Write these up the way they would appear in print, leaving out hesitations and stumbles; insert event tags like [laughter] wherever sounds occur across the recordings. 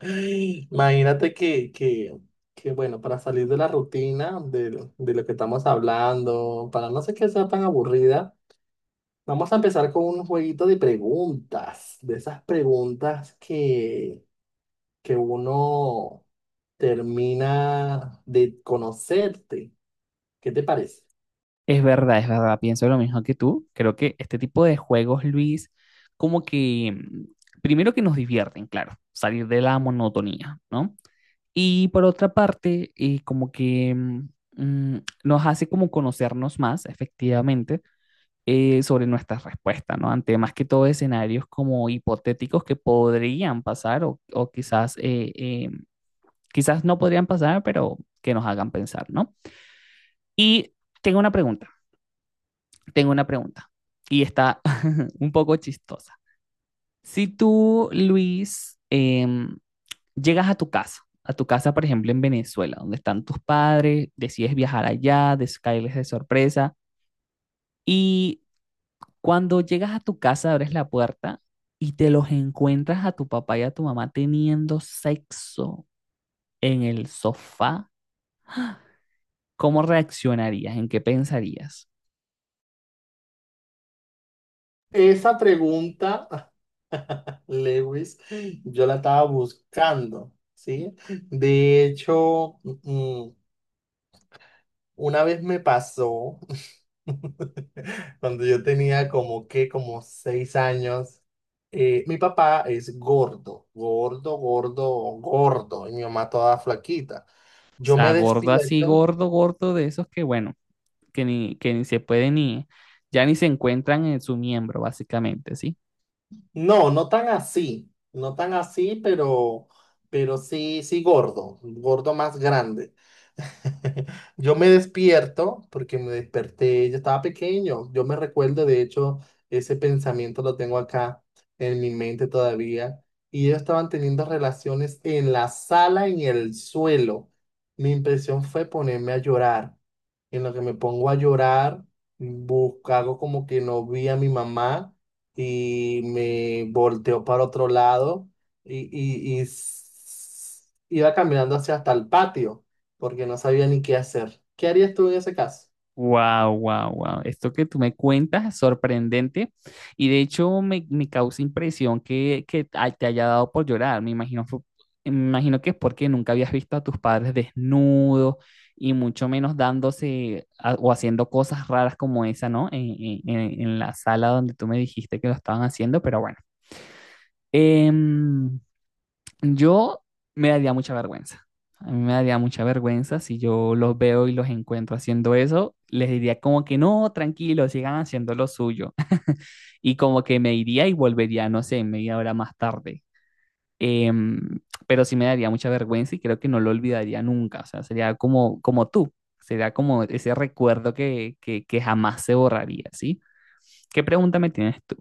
Ay, imagínate que bueno, para salir de la rutina, de lo que estamos hablando, para no sé qué sea tan aburrida, vamos a empezar con un jueguito de preguntas, de esas preguntas que uno termina de conocerte. ¿Qué te parece? Es verdad, pienso lo mismo que tú. Creo que este tipo de juegos, Luis, como que, mm, primero que nos divierten, claro, salir de la monotonía, ¿no? Y por otra parte, como que nos hace como conocernos más, efectivamente, sobre nuestras respuestas, ¿no? Ante más que todo escenarios como hipotéticos que podrían pasar o quizás, quizás no podrían pasar, pero que nos hagan pensar, ¿no? Y tengo una pregunta. tengo una pregunta y está [laughs] un poco chistosa. Si tú, Luis, llegas a tu casa, por ejemplo, en Venezuela, donde están tus padres, decides viajar allá, caerles de sorpresa, y cuando llegas a tu casa, abres la puerta y te los encuentras a tu papá y a tu mamá teniendo sexo en el sofá, ¿cómo reaccionarías? ¿En qué pensarías? Esa pregunta, [laughs] Lewis, yo la estaba buscando, ¿sí? De hecho, una vez me pasó, [laughs] cuando yo tenía como 6 años, mi papá es gordo, gordo, gordo, gordo, y mi mamá toda flaquita. O Yo sea, me gordo así, despierto. gordo, gordo de esos que, bueno, que ni se puede ni, ya ni se encuentran en su miembro, básicamente, ¿sí? No, no tan así, no tan así, pero sí, sí gordo, gordo más grande. [laughs] Yo me despierto porque me desperté, yo estaba pequeño, yo me recuerdo, de hecho, ese pensamiento lo tengo acá en mi mente todavía, y ellos estaban teniendo relaciones en la sala, en el suelo. Mi impresión fue ponerme a llorar. En lo que me pongo a llorar, busco, hago como que no vi a mi mamá y me volteó para otro lado y iba caminando hacia hasta el patio porque no sabía ni qué hacer. ¿Qué harías tú en ese caso? Wow, wow, wow. Esto que tú me cuentas es sorprendente y de hecho me causa impresión que, te haya dado por llorar. Me imagino que es porque nunca habías visto a tus padres desnudos y mucho menos o haciendo cosas raras como esa, ¿no? En la sala donde tú me dijiste que lo estaban haciendo, pero bueno. Em, Yo me daría mucha vergüenza. A mí me daría mucha vergüenza si yo los veo y los encuentro haciendo eso. Les diría como que no, tranquilo, sigan haciendo lo suyo. [laughs] Y como que me iría y volvería, no sé, media hora más tarde. Em, pero sí me daría mucha vergüenza y creo que no lo olvidaría nunca. O sea, sería como, como tú. Sería como ese recuerdo que jamás se borraría, ¿sí? ¿Qué pregunta me tienes tú?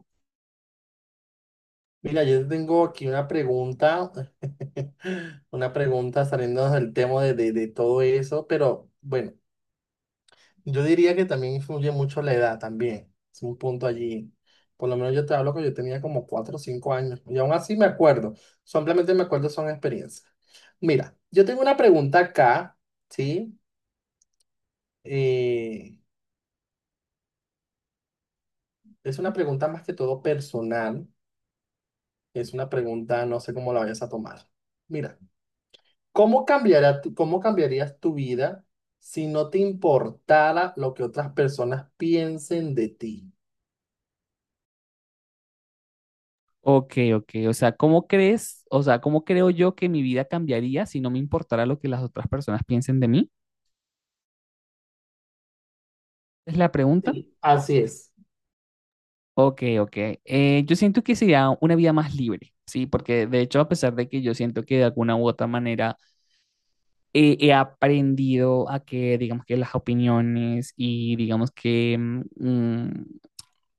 Mira, yo te tengo aquí una pregunta, [laughs] una pregunta saliendo del tema de todo eso, pero bueno, yo diría que también influye mucho la edad también. Es un punto allí. Por lo menos yo te hablo que yo tenía como 4 o 5 años. Y aún así me acuerdo. Simplemente me acuerdo son experiencias. Mira, yo tengo una pregunta acá, ¿sí? Eh, es una pregunta más que todo personal. Es una pregunta, no sé cómo la vayas a tomar. Mira, ¿ cómo cambiarías tu vida si no te importara lo que otras personas piensen de ti? Ok, ok. O sea, ¿cómo crees? O sea, ¿cómo creo yo que mi vida cambiaría si no me importara lo que las otras personas piensen de mí? Es la pregunta. Sí, así es. Ok, ok. Yo siento que sería una vida más libre, ¿sí? Porque de hecho, a pesar de que yo siento que de alguna u otra manera he aprendido a que, digamos que las opiniones y digamos que mm,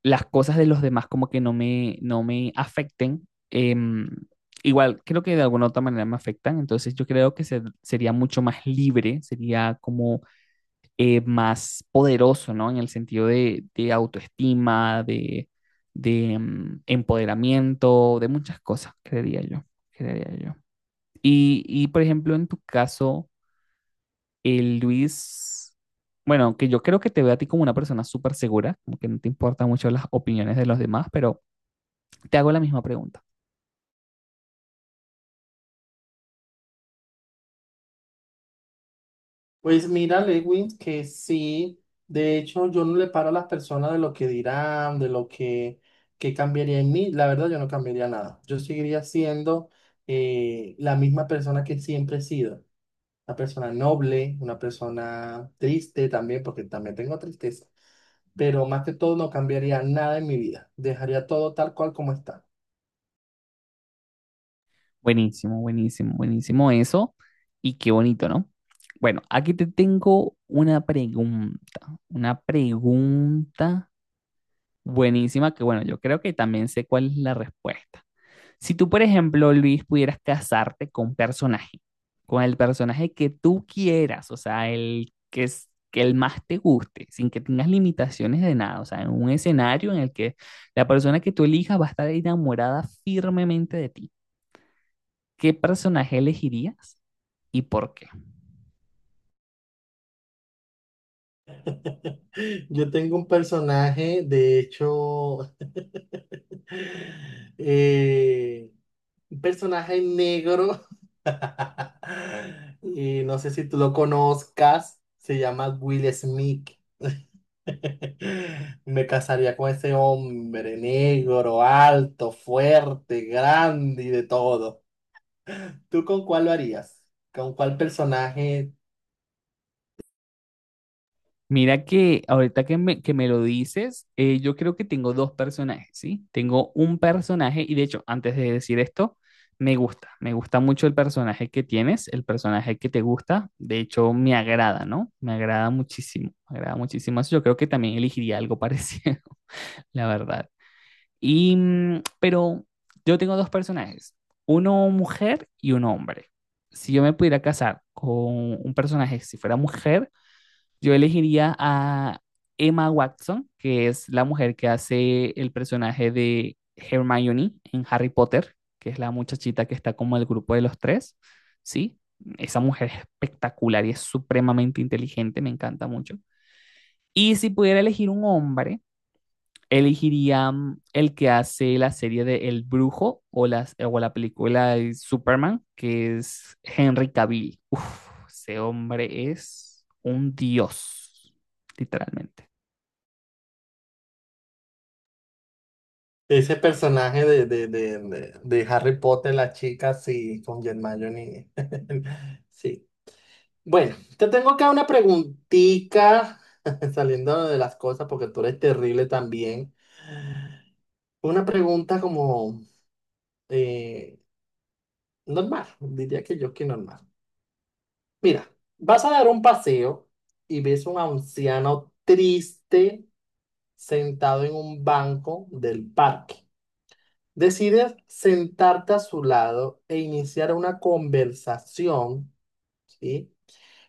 las cosas de los demás como que no me afecten. Igual, creo que de alguna u otra manera me afectan, entonces yo creo que sería mucho más libre, sería como más poderoso, ¿no? En el sentido de autoestima, de empoderamiento, de muchas cosas, creería yo, creería yo. Y por ejemplo, en tu caso, el Luis, bueno, que yo creo que te veo a ti como una persona súper segura, como que no te importan mucho las opiniones de los demás, pero te hago la misma pregunta. Pues mira, Lewin, que sí, de hecho yo no le paro a las personas de lo que dirán, de lo que cambiaría en mí, la verdad yo no cambiaría nada, yo seguiría siendo la misma persona que siempre he sido, una persona noble, una persona triste también, porque también tengo tristeza, pero más que todo no cambiaría nada en mi vida, dejaría todo tal cual como está. Buenísimo, buenísimo, buenísimo eso. Y qué bonito, ¿no? Bueno, aquí te tengo una pregunta buenísima que, bueno, yo creo que también sé cuál es la respuesta. Si tú, por ejemplo, Luis, pudieras casarte con un personaje, con el personaje que tú quieras, o sea, el que es que el más te guste, sin que tengas limitaciones de nada, o sea, en un escenario en el que la persona que tú elijas va a estar enamorada firmemente de ti. ¿Qué personaje elegirías y por qué? [laughs] Yo tengo un personaje, de hecho, [laughs] eh, un personaje negro, [laughs] y no sé si tú lo conozcas, se llama Will Smith. [laughs] Me casaría con ese hombre negro, alto, fuerte, grande y de todo. ¿Tú con cuál lo harías? ¿Con cuál personaje? Mira que ahorita que me lo dices, yo creo que tengo dos personajes, ¿sí? Tengo un personaje y de hecho, antes de decir esto, me gusta mucho el personaje que tienes, el personaje que te gusta, de hecho me agrada, ¿no? Me agrada muchísimo eso, yo creo que también elegiría algo parecido, [laughs] la verdad. Y, pero yo tengo dos personajes, uno mujer y uno hombre. Si yo me pudiera casar con un personaje, si fuera mujer, yo elegiría a Emma Watson, que es la mujer que hace el personaje de Hermione en Harry Potter, que es la muchachita que está como el grupo de los tres, ¿sí? Esa mujer es espectacular y es supremamente inteligente, me encanta mucho. Y si pudiera elegir un hombre, elegiría el que hace la serie de El Brujo o la película de Superman, que es Henry Cavill. Uf, ese hombre es un dios, literalmente. Ese personaje de Harry Potter, la chica, sí, con Hermione. [laughs] Sí. Bueno, te tengo acá una preguntita, [laughs] saliendo de las cosas, porque tú eres terrible también. Una pregunta como eh, normal, diría que yo que normal. Mira, vas a dar un paseo y ves un anciano triste sentado en un banco del parque. Decides sentarte a su lado e iniciar una conversación, ¿sí?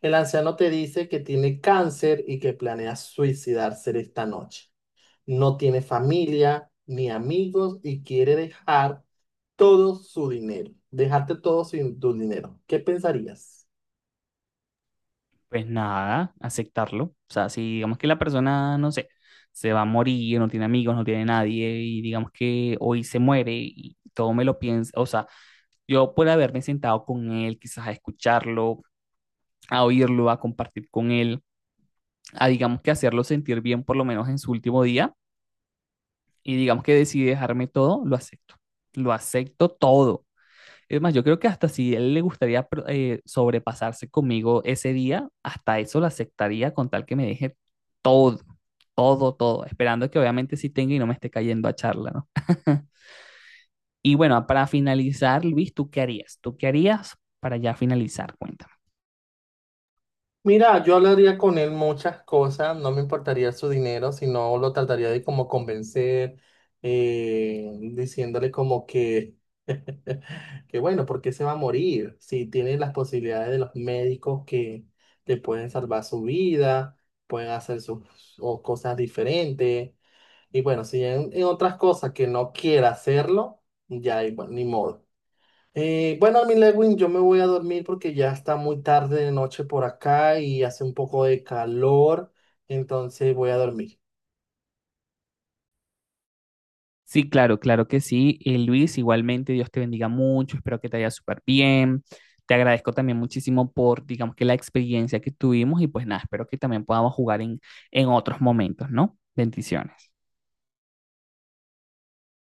El anciano te dice que tiene cáncer y que planea suicidarse esta noche. No tiene familia ni amigos y quiere dejar todo su dinero, dejarte todo sin tu dinero. ¿Qué pensarías? Pues nada, aceptarlo. O sea, si digamos que la persona, no sé, se va a morir, no tiene amigos, no tiene nadie, y digamos que hoy se muere y todo me lo piensa, o sea, yo por haberme sentado con él, quizás a escucharlo, a oírlo, a compartir con él a, digamos que hacerlo sentir bien por lo menos en su último día y digamos que decide dejarme todo, lo acepto. Lo acepto todo. Es más, yo creo que hasta si él le gustaría sobrepasarse conmigo ese día, hasta eso lo aceptaría con tal que me deje todo, todo, todo, esperando que obviamente sí tenga y no me esté cayendo a charla, ¿no? [laughs] Y bueno, para finalizar, Luis, ¿tú qué harías? ¿Tú qué harías para ya finalizar? Cuenta. Mira, yo hablaría con él muchas cosas, no me importaría su dinero, sino lo trataría de como convencer, diciéndole como que, [laughs] que bueno, ¿porque se va a morir? Si tiene las posibilidades de los médicos que le pueden salvar su vida, pueden hacer sus o cosas diferentes. Y bueno, si en otras cosas que no quiera hacerlo, ya ahí, bueno, ni modo. Bueno, mi Lewin, yo me voy a dormir porque ya está muy tarde de noche por acá y hace un poco de calor, entonces voy a dormir. Sí, claro, claro que sí. Luis, igualmente, Dios te bendiga mucho, espero que te haya súper bien. Te agradezco también muchísimo por, digamos que la experiencia que tuvimos y pues nada, espero que también podamos jugar en otros momentos, ¿no? Bendiciones.